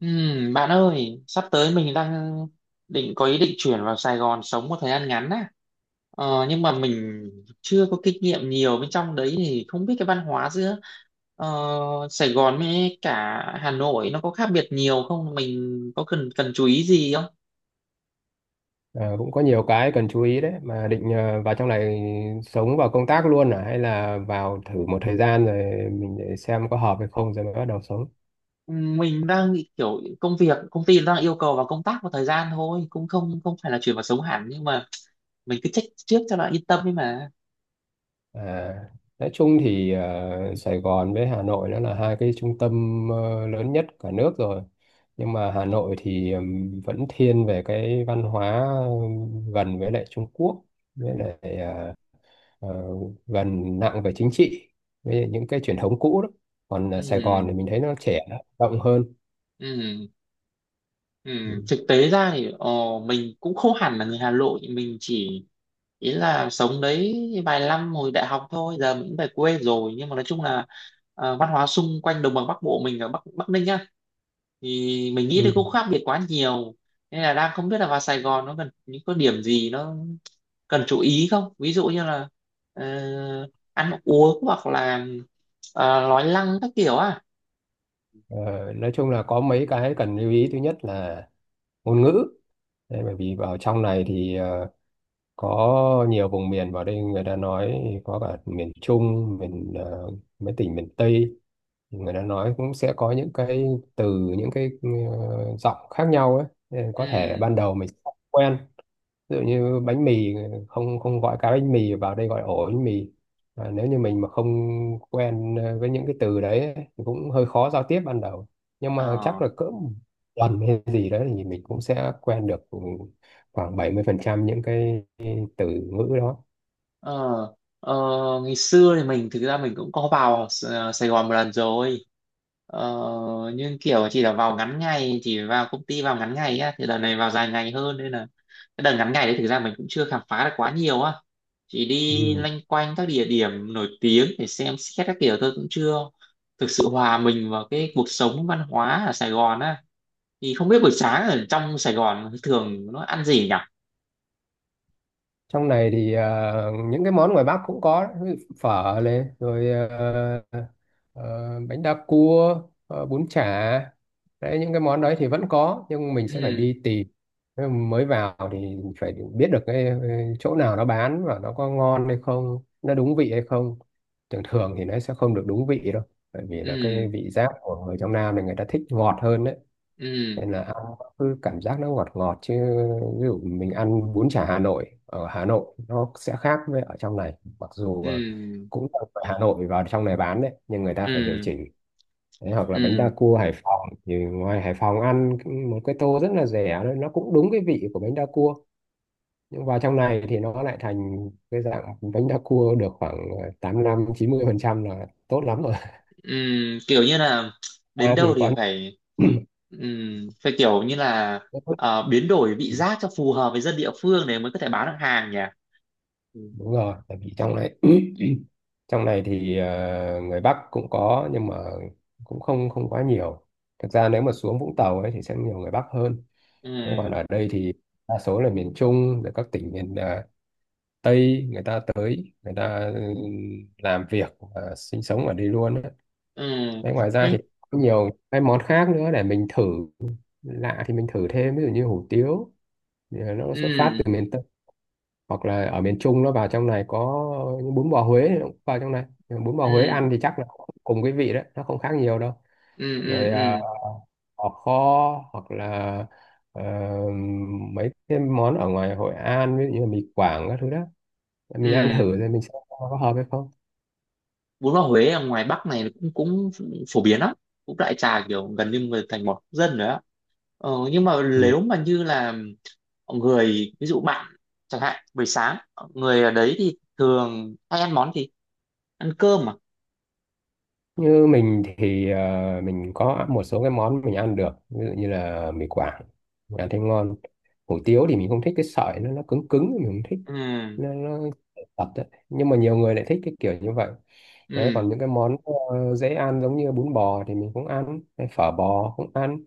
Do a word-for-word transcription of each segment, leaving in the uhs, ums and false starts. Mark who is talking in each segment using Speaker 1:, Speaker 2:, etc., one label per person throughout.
Speaker 1: Ừm, bạn ơi, sắp tới mình đang định có ý định chuyển vào Sài Gòn sống một thời gian ngắn á. Ờ, nhưng mà mình chưa có kinh nghiệm nhiều bên trong đấy thì không biết cái văn hóa giữa ờ, Sài Gòn với cả Hà Nội nó có khác biệt nhiều không? Mình có cần cần chú ý gì không?
Speaker 2: Ờ, Cũng có nhiều cái cần chú ý đấy mà định ờ, vào trong này sống và công tác luôn à? Hay là vào thử một thời gian rồi mình để xem có hợp hay không rồi mới bắt đầu sống.
Speaker 1: Ừm, Mình đang nghĩ kiểu công việc công ty đang yêu cầu vào công tác một thời gian thôi, cũng không không phải là chuyển vào sống hẳn nhưng mà mình cứ check trước cho nó yên tâm ấy mà.
Speaker 2: À, nói chung thì ờ, Sài Gòn với Hà Nội nó là hai cái trung tâm ờ, lớn nhất cả nước rồi. Nhưng mà Hà Nội thì ừm, vẫn thiên về cái văn hóa, ừm, gần với lại Trung Quốc, với lại ờ, ờ, gần nặng về chính trị với những cái truyền thống cũ đó. Còn ờ, Sài Gòn thì mình thấy nó trẻ, nó rộng hơn.
Speaker 1: Ừ. Ừ.
Speaker 2: Ừ.
Speaker 1: Thực tế ra thì ờ, mình cũng không hẳn là người Hà Nội, mình chỉ ý là sống đấy vài năm hồi đại học thôi, giờ mình cũng về quê rồi, nhưng mà nói chung là ờ, văn hóa xung quanh đồng bằng Bắc Bộ, mình ở Bắc Bắc Ninh á thì mình nghĩ thì
Speaker 2: Ừ.
Speaker 1: cũng khác biệt quá nhiều, nên là đang không biết là vào Sài Gòn nó cần những có điểm gì nó cần chú ý không, ví dụ như là ờ, ăn uống hoặc là ờ, nói năng các kiểu à.
Speaker 2: Ờ, nói chung là có mấy cái cần lưu ý. Thứ nhất là ngôn ngữ. Đấy, bởi vì vào trong này thì ờ, có nhiều vùng miền vào đây người ta nói, có cả miền Trung, miền ờ, mấy tỉnh miền Tây thì người ta nói cũng sẽ có những cái từ, những cái ờ, giọng khác nhau ấy. Nên có thể
Speaker 1: Ừ.
Speaker 2: ban đầu mình không quen. Ví dụ như bánh mì, không không gọi cá bánh mì, vào đây gọi ổ bánh mì. Và nếu như mình mà không quen ờ, với những cái từ đấy ấy, thì cũng hơi khó giao tiếp ban đầu. Nhưng mà
Speaker 1: Ờ.
Speaker 2: chắc là cỡ một tuần hay gì đấy thì mình cũng sẽ quen được khoảng bảy mươi phần trăm những cái từ ngữ đó.
Speaker 1: Ờ, ờ, ngày xưa thì mình thực ra mình cũng có vào S- Sài Gòn một lần rồi, ờ, nhưng kiểu chỉ là vào ngắn ngày, chỉ vào công ty vào ngắn ngày á, thì lần này vào dài ngày hơn nên là cái đợt ngắn ngày đấy thực ra mình cũng chưa khám phá được quá nhiều á, chỉ đi
Speaker 2: Ừ.
Speaker 1: loanh quanh các địa điểm nổi tiếng để xem xét các kiểu thôi, cũng chưa thực sự hòa mình vào cái cuộc sống văn hóa ở Sài Gòn á, thì không biết buổi sáng ở trong Sài Gòn thường nó ăn gì nhỉ.
Speaker 2: Trong này thì ờ, những cái món ngoài Bắc cũng có đấy. Ví dụ phở này, rồi ờ, ờ, bánh đa cua, ờ, bún chả. Đấy, những cái món đấy thì vẫn có nhưng mình sẽ phải
Speaker 1: Ừ.
Speaker 2: đi tìm. Thế mà mới vào thì phải biết được cái ờ, chỗ nào nó bán và nó có ngon hay không, nó đúng vị hay không. Thường thường thì nó sẽ không được đúng vị đâu, bởi vì là cái
Speaker 1: Ừ.
Speaker 2: vị giác của người trong Nam thì người ta thích ngọt hơn đấy.
Speaker 1: Ừ.
Speaker 2: Nên là ăn nó cứ cảm giác nó ngọt ngọt chứ. Ví dụ mình ăn bún chả Hà Nội ở Hà Nội nó sẽ khác với ở trong này, mặc dù ờ,
Speaker 1: Ừ.
Speaker 2: cũng là ở Hà Nội vào trong này bán đấy, nhưng người ta phải điều
Speaker 1: Ừ.
Speaker 2: chỉnh. Đấy, hoặc là bánh đa
Speaker 1: Ừ.
Speaker 2: cua Hải Phòng thì ngoài Hải Phòng ăn một cái tô rất là rẻ thôi, nó cũng đúng cái vị của bánh đa cua. Nhưng vào trong này thì nó lại thành cái dạng bánh đa cua được khoảng ờ, tám lăm chín mươi phần trăm là tốt lắm rồi.
Speaker 1: Ừ. Kiểu như là đến
Speaker 2: Ta
Speaker 1: đâu
Speaker 2: thì có
Speaker 1: thì
Speaker 2: những
Speaker 1: phải ừ, phải kiểu như là
Speaker 2: cái tốt.
Speaker 1: ờ, biến đổi vị giác cho phù hợp với dân địa phương để mới có thể bán được hàng nhỉ. Ừ.
Speaker 2: Đúng rồi, tại vì trong này trong này thì ờ, người Bắc cũng có nhưng mà cũng không không quá nhiều. Thực ra nếu mà xuống Vũng Tàu ấy thì sẽ nhiều người Bắc hơn. Thế còn
Speaker 1: Ừ.
Speaker 2: ở đây thì đa số là miền Trung, rồi các tỉnh miền ờ, Tây, người ta tới người ta ừ, làm việc và sinh sống ở đây luôn ấy.
Speaker 1: Ừ.
Speaker 2: Đấy, ngoài ra thì
Speaker 1: Thế.
Speaker 2: có nhiều cái món khác nữa để mình thử. Lạ thì mình thử thêm, ví dụ như hủ tiếu thì nó xuất phát
Speaker 1: Ừ.
Speaker 2: từ miền Tây, hoặc là ở miền Trung nó vào trong này có, những bún bò Huế nó cũng vào trong này. Nhưng mà bún bò Huế ăn
Speaker 1: Ừ.
Speaker 2: thì chắc là cũng cùng cái vị đấy, nó không khác nhiều đâu.
Speaker 1: Ừ.
Speaker 2: Rồi
Speaker 1: Ừ.
Speaker 2: à,
Speaker 1: Ừ.
Speaker 2: bò kho, hoặc là ờ, mấy cái món ở ngoài Hội An, ví dụ như là mì Quảng các thứ đó, mình ăn
Speaker 1: Ừ.
Speaker 2: thử rồi mình xem có hợp hay không.
Speaker 1: Bún bò Huế ở ngoài Bắc này cũng cũng phổ biến lắm, cũng đại trà kiểu gần như người thành một dân rồi á, ờ, nhưng mà
Speaker 2: Ừ.
Speaker 1: nếu mà như là người ví dụ bạn chẳng hạn buổi sáng người ở đấy thì thường hay ăn món gì, ăn cơm à?
Speaker 2: Như mình thì ờ, mình có một số cái món mình ăn được, ví dụ như là mì Quảng, mình ăn thấy ngon. Hủ tiếu thì mình không thích cái sợi, nó nó cứng cứng mình không thích,
Speaker 1: Ừ.
Speaker 2: nó, nó tật đấy. Nhưng mà nhiều người lại thích cái kiểu như vậy. Đấy,
Speaker 1: Ừ.
Speaker 2: còn những cái món ờ, dễ ăn giống như bún bò thì mình cũng ăn, hay phở bò cũng ăn.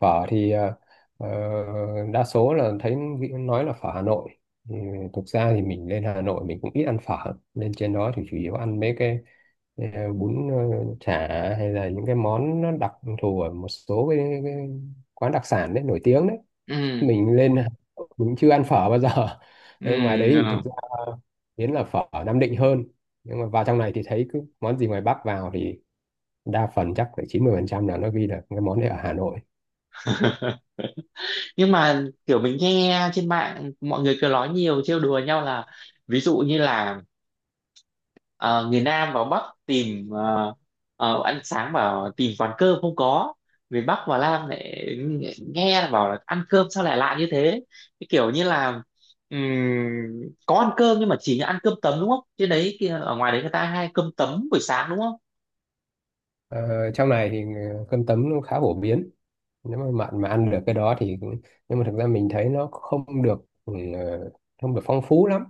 Speaker 2: Phở thì ờ, ờ, đa số là thấy vị- nói là phở Hà Nội. Ừ, thực ra thì mình lên Hà Nội mình cũng ít ăn phở, lên trên đó thì chủ yếu ăn mấy cái ờ, bún ờ, chả, hay là những cái món nó đặc thù ở một số cái, cái quán đặc sản đấy nổi tiếng đấy.
Speaker 1: Ừ.
Speaker 2: Mình lên Hà Nội mình chưa ăn phở bao giờ.
Speaker 1: Ừ.
Speaker 2: Đấy, ngoài đấy thì
Speaker 1: Ừ.
Speaker 2: thực ra biến là phở ở Nam Định hơn. Nhưng mà vào trong này thì thấy cứ món gì ngoài Bắc vào thì đa phần chắc phải chín mươi phần trăm là nó ghi là cái món này ở Hà Nội.
Speaker 1: Nhưng mà kiểu mình nghe trên mạng mọi người cứ nói nhiều trêu đùa nhau là ví dụ như là Ờ, người Nam vào Bắc tìm ờ, ờ, ăn sáng bảo tìm quán cơm không có, người Bắc vào Nam lại nghe là bảo là ăn cơm sao lại lạ như thế, cái kiểu như là ừm, có ăn cơm nhưng mà chỉ ăn cơm tấm đúng không, trên đấy kia ở ngoài đấy người ta hay cơm tấm buổi sáng đúng không?
Speaker 2: ờ, Trong này thì ờ, cơm tấm nó khá phổ biến, nếu mà bạn mà ăn được cái đó thì. Nhưng mà thực ra mình thấy nó không được ừ, ờ, không được phong phú lắm.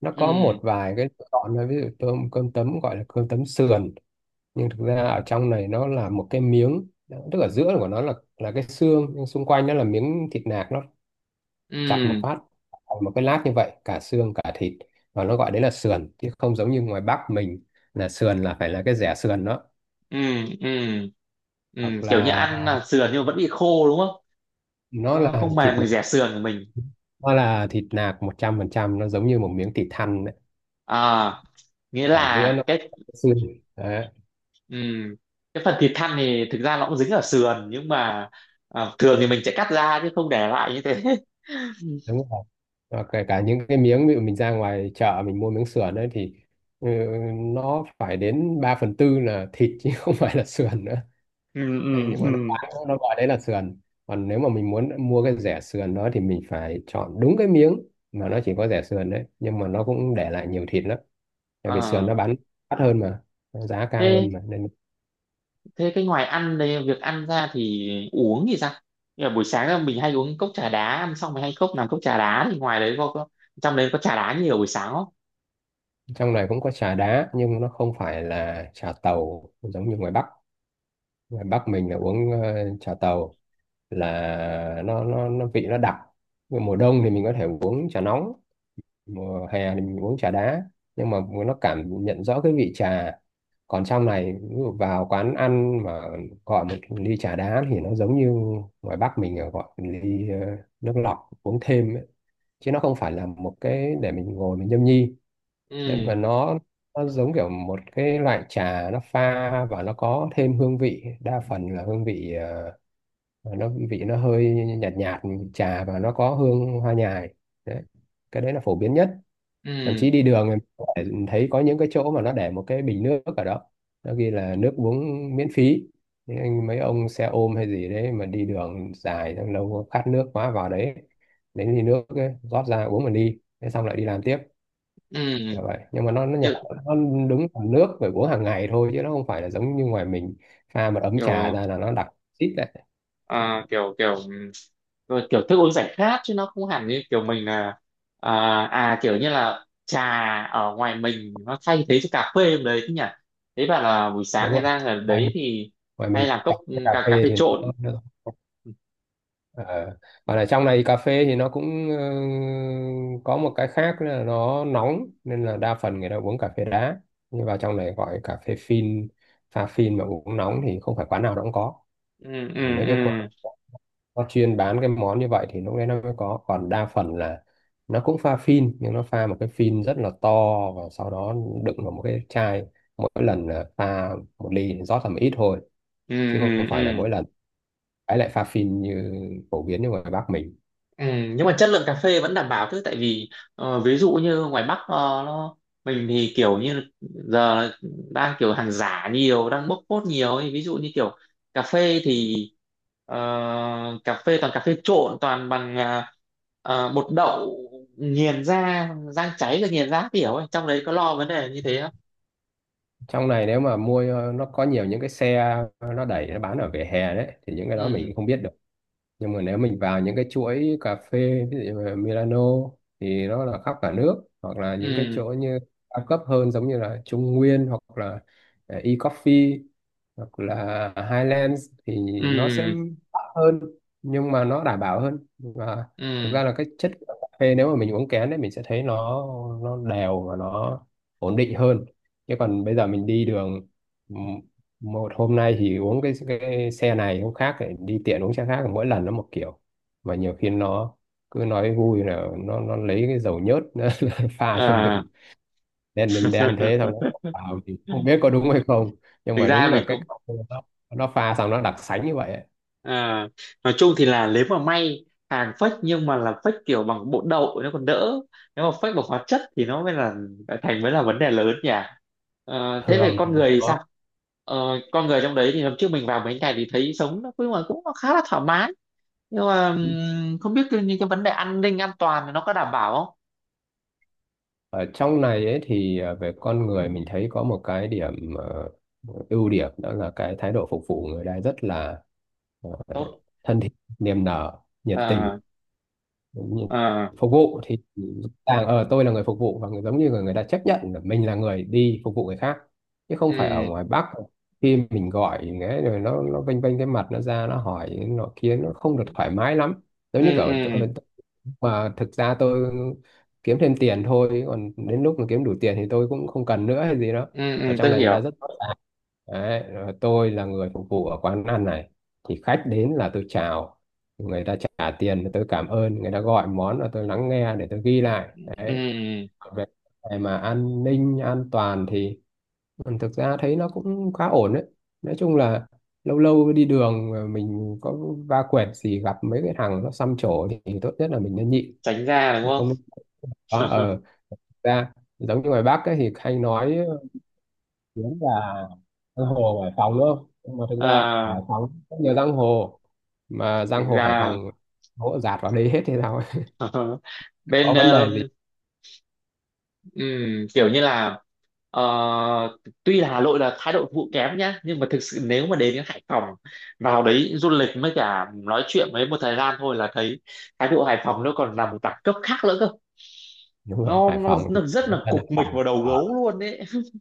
Speaker 2: Nó có một
Speaker 1: Ừ.
Speaker 2: vài cái lựa chọn thôi. Ví dụ tôm cơm tấm gọi là cơm tấm sườn, nhưng thực ra ở trong này nó là một cái miếng, tức ở giữa của nó là là cái xương nhưng xung quanh nó là miếng thịt nạc, nó chặt một
Speaker 1: Ừ.
Speaker 2: phát thành một cái lát như vậy cả xương cả thịt. Và nó gọi đấy là sườn chứ không giống như ngoài Bắc mình là sườn là phải là cái rẻ sườn đó.
Speaker 1: Ừ. Ừ. Ừ.
Speaker 2: Hoặc
Speaker 1: Kiểu như
Speaker 2: là
Speaker 1: ăn là sườn nhưng mà vẫn bị khô đúng không,
Speaker 2: nó
Speaker 1: nó, nó
Speaker 2: là
Speaker 1: không
Speaker 2: thịt
Speaker 1: mềm mình
Speaker 2: nạc,
Speaker 1: dẻ sườn của mình.
Speaker 2: nó là thịt nạc một trăm phần trăm, nó giống như một miếng thịt thăn đấy.
Speaker 1: À nghĩa
Speaker 2: Ở
Speaker 1: là
Speaker 2: giữa nó
Speaker 1: cái.
Speaker 2: có cái xương. Đấy,
Speaker 1: Ừ. Cái phần thịt thăn thì thực ra nó cũng dính ở sườn nhưng mà à, thường thì mình sẽ cắt ra chứ không để lại như thế.
Speaker 2: đúng rồi. Và kể cả những cái miếng ví dụ mình ra ngoài chợ mình mua miếng sườn đấy thì ừ, nó phải đến ba phần tư là thịt chứ không phải là sườn nữa.
Speaker 1: Ừ.
Speaker 2: Thế
Speaker 1: Ừ.
Speaker 2: nhưng mà nó
Speaker 1: Ừ.
Speaker 2: bán, nó gọi đấy là sườn. Còn nếu mà mình muốn mua cái rẻ sườn đó thì mình phải chọn đúng cái miếng mà nó chỉ có rẻ sườn đấy, nhưng mà nó cũng để lại nhiều thịt lắm, tại vì sườn
Speaker 1: Ờ,
Speaker 2: nó bán đắt hơn mà, nó giá cao
Speaker 1: thế
Speaker 2: hơn mà nên.
Speaker 1: thế cái ngoài ăn đây việc ăn ra thì uống thì sao? Như là buổi sáng là mình hay uống cốc trà đá, ăn xong mình hay cốc làm cốc trà đá thì ngoài đấy có, có trong đấy có trà đá nhiều buổi sáng không?
Speaker 2: Trong này cũng có trà đá nhưng nó không phải là trà tàu giống như ngoài Bắc. Ngoài Bắc mình là uống ờ, trà tàu, là nó nó nó vị nó đặc. Nhưng mùa đông thì mình có thể uống trà nóng, mùa hè thì mình uống trà đá. Nhưng mà nó cảm nhận rõ cái vị trà. Còn trong này ví dụ vào quán ăn mà gọi một ly trà đá thì nó giống như ngoài Bắc mình là gọi một ly ờ, nước lọc uống thêm ấy. Chứ nó không phải là một cái để mình ngồi mình nhâm nhi. Nên
Speaker 1: Ừ.
Speaker 2: mà nó nó giống kiểu một cái loại trà nó pha và nó có thêm hương vị, đa phần là hương vị ờ, nó vị nó hơi nhạt nhạt, trà và nó có hương hoa nhài đấy. Cái đấy là phổ biến nhất. Thậm
Speaker 1: Ừ.
Speaker 2: chí đi đường em có thể thấy có những cái chỗ mà nó để một cái bình nước ở đó, nó ghi là nước uống miễn phí. Thế anh mấy ông xe ôm hay gì đấy mà đi đường dài xong lâu khát nước quá vào đấy lấy ly nước ấy, rót ra uống mà đi, thế xong lại đi làm tiếp.
Speaker 1: Ừ.
Speaker 2: Kiểu vậy nhưng mà nó nó nhạt.
Speaker 1: Kiểu,
Speaker 2: Nó đúng là nước phải uống hàng ngày thôi chứ nó không phải là giống như ngoài mình pha một ấm trà
Speaker 1: kiểu
Speaker 2: ra là nó đặc xít lại.
Speaker 1: à, kiểu kiểu rồi kiểu thức uống giải khát chứ nó không hẳn như kiểu mình là à, à kiểu như là trà ở ngoài mình nó thay thế cho cà phê đấy chứ nhỉ. Thế bảo là buổi sáng
Speaker 2: Đúng
Speaker 1: người
Speaker 2: không?
Speaker 1: ta ở
Speaker 2: Ngoài
Speaker 1: đấy
Speaker 2: mình,
Speaker 1: thì
Speaker 2: ngoài
Speaker 1: hay
Speaker 2: mình
Speaker 1: làm cốc
Speaker 2: trà với
Speaker 1: ừ,
Speaker 2: cà
Speaker 1: cà cà
Speaker 2: phê
Speaker 1: phê
Speaker 2: thì nó,
Speaker 1: trộn.
Speaker 2: nó Ờ. Và ở trong này cà phê thì nó cũng ờ, có một cái khác là nó nóng nên là đa phần người ta uống cà phê đá. Nhưng vào trong này gọi cà phê phin, pha phin mà uống nóng thì không phải quán nào nó cũng có.
Speaker 1: Ừ. Ừ.
Speaker 2: Mấy cái quán
Speaker 1: Ừ.
Speaker 2: nó chuyên bán cái món như vậy thì lúc đấy nó mới có. Còn đa phần là nó cũng pha phin nhưng nó pha một cái phin rất là to và sau đó đựng vào một cái chai, mỗi lần là pha một ly rót tầm ít thôi.
Speaker 1: Ừ.
Speaker 2: Chứ không
Speaker 1: Ừ.
Speaker 2: phải là mỗi
Speaker 1: Ừ.
Speaker 2: lần ấy lại pha phin như phổ biến như ngoài Bắc mình.
Speaker 1: Ừ, nhưng mà chất lượng cà phê vẫn đảm bảo chứ tại vì ờ, ví dụ như ngoài Bắc ờ, nó mình thì kiểu như giờ là đang kiểu hàng giả nhiều đang bốc phốt nhiều ấy. Ví dụ như kiểu cà phê thì ờ, cà phê toàn cà phê trộn toàn bằng à, ờ, bột đậu nghiền ra rang cháy rồi nghiền ra kiểu ấy, trong đấy có lo vấn đề như thế không?
Speaker 2: Trong này nếu mà mua, ờ, nó có nhiều những cái xe ờ, nó đẩy nó bán ở vỉa hè đấy thì những cái đó mình
Speaker 1: Ừ.
Speaker 2: cũng không biết được. Nhưng mà nếu mình vào những cái chuỗi cà phê ví dụ như là Milano thì nó là khắp cả nước. Hoặc là những cái chỗ
Speaker 1: Ừ.
Speaker 2: như cao cấp hơn giống như là Trung Nguyên, hoặc là ờ, e-coffee, hoặc là Highlands thì nó sẽ
Speaker 1: Ừ.
Speaker 2: đắt hơn nhưng mà nó đảm bảo hơn. Và thực
Speaker 1: Ừ.
Speaker 2: ra là cái chất của cà phê nếu mà mình uống kén đấy mình sẽ thấy nó nó đều và nó ổn định hơn. Chứ còn bây giờ mình đi đường m- một hôm nay thì uống cái, cái xe này, hôm khác lại đi tiện uống xe khác, mỗi lần nó một kiểu. Mà nhiều khi nó cứ nói vui là nó nó lấy cái dầu nhớt nó pha cho
Speaker 1: Ờ.
Speaker 2: mình đen đen để thế xong nó vào thì không biết có đúng hay không. Nhưng
Speaker 1: Thực
Speaker 2: mà đúng
Speaker 1: ra
Speaker 2: là
Speaker 1: mình
Speaker 2: cái
Speaker 1: cũng.
Speaker 2: cà phê nó nó pha xong nó đặc sánh như vậy ấy.
Speaker 1: À, nói chung thì là nếu mà may, hàng fake nhưng mà là fake kiểu bằng bột đậu thì nó còn đỡ, nếu mà fake bằng hóa chất thì nó mới là thành mới là vấn đề lớn nhỉ. Ờ, thế về
Speaker 2: Thường
Speaker 1: con
Speaker 2: thì
Speaker 1: người thì
Speaker 2: nó,
Speaker 1: sao? Ờ, con người trong đấy thì hôm trước mình vào mấy ngày thì thấy sống nó cũng cũng khá là thoải mái, nhưng mà ừm, không biết cái- những cái vấn đề an ninh an toàn thì nó có đảm bảo không?
Speaker 2: ở trong này ấy thì ờ, về con người mình thấy có một cái điểm ờ, ưu điểm, đó là cái thái độ phục vụ người ta rất là ờ,
Speaker 1: Tốt.
Speaker 2: thân thiện, niềm nở, nhiệt tình.
Speaker 1: Ờ.
Speaker 2: Đúng rồi.
Speaker 1: Ờ.
Speaker 2: Phục vụ thì càng ở, tôi là người phục vụ và người giống như người người ta chấp nhận là mình là người đi phục vụ người khác, chứ không phải ở
Speaker 1: Ừ.
Speaker 2: ngoài Bắc khi mình gọi nghe rồi nó nó vênh vênh cái mặt nó ra, nó hỏi nó kia nó không được thoải mái lắm.
Speaker 1: Ừ.
Speaker 2: Giống như kiểu
Speaker 1: Ừ.
Speaker 2: tôi-, mà thực ra tôi kiếm thêm tiền thôi, còn đến lúc mà kiếm đủ tiền thì tôi cũng không cần nữa hay gì đó.
Speaker 1: Ừ.
Speaker 2: Ở
Speaker 1: Ừ,
Speaker 2: trong
Speaker 1: tôi
Speaker 2: này người ta
Speaker 1: hiểu.
Speaker 2: rất rõ ràng đấy. Rồi tôi là người phục vụ ở quán ăn này thì khách đến là tôi chào, người ta trả tiền thì tôi cảm ơn, người ta gọi món là tôi lắng nghe để tôi ghi lại đấy.
Speaker 1: Ừ.
Speaker 2: Còn về cái mà an ninh an toàn thì ừ, thực ra thấy nó cũng khá ổn đấy. Nói chung là lâu lâu đi đường mà mình có va quẹt gì gặp mấy cái thằng nó xăm trổ thì tốt nhất là mình nên nhịn.
Speaker 1: Tránh ra đúng
Speaker 2: Không. Đó,
Speaker 1: không?
Speaker 2: ờ ra, giống như ngoài Bắc ấy, thì hay nói tiếng là giang hồ Hải Phòng đúng không? Nhưng mà thực ra
Speaker 1: Ờ,
Speaker 2: Hải Phòng rất nhiều giang hồ. Mà
Speaker 1: thực
Speaker 2: giang hồ Hải Phòng
Speaker 1: ra.
Speaker 2: hỗ dạt vào đấy hết thì sao,
Speaker 1: Ờ, bên
Speaker 2: có vấn
Speaker 1: ờ,
Speaker 2: đề gì.
Speaker 1: ừm, kiểu như là ờ, tuy là Hà Nội là thái độ phục vụ kém nhá, nhưng mà thực sự nếu mà đến đến Hải Phòng vào đấy du lịch với cả nói chuyện với một thời gian thôi là thấy thái độ Hải Phòng nó còn là một đẳng cấp khác nữa cơ,
Speaker 2: Đúng rồi,
Speaker 1: nó
Speaker 2: Hải
Speaker 1: nó,
Speaker 2: Phòng thì
Speaker 1: nó rất
Speaker 2: vẫn
Speaker 1: là
Speaker 2: dân Hải
Speaker 1: cục mịch
Speaker 2: Phòng
Speaker 1: vào đầu
Speaker 2: ở
Speaker 1: gấu luôn đấy.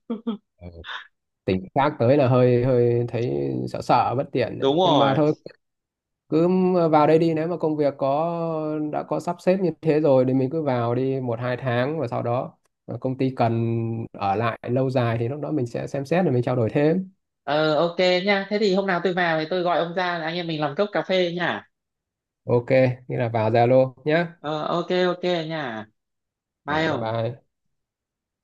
Speaker 2: tỉnh khác tới là hơi hơi thấy sợ sợ bất tiện đấy
Speaker 1: Đúng
Speaker 2: nhưng mà
Speaker 1: rồi.
Speaker 2: thôi, cứ vào đây đi. Nếu mà công việc có đã có sắp xếp như thế rồi thì mình cứ vào đi một hai tháng, và sau đó ờ, công ty cần ở lại lâu dài thì lúc đó mình sẽ xem xét rồi mình trao đổi thêm.
Speaker 1: Ờ, ok nha, thế thì hôm nào tôi vào thì tôi gọi ông ra anh em mình làm cốc cà phê nha.
Speaker 2: ô kê, nghĩa là vào za lô nhé.
Speaker 1: Ờ, ok ok nha. Bye
Speaker 2: Rồi, bye
Speaker 1: ông.
Speaker 2: bye.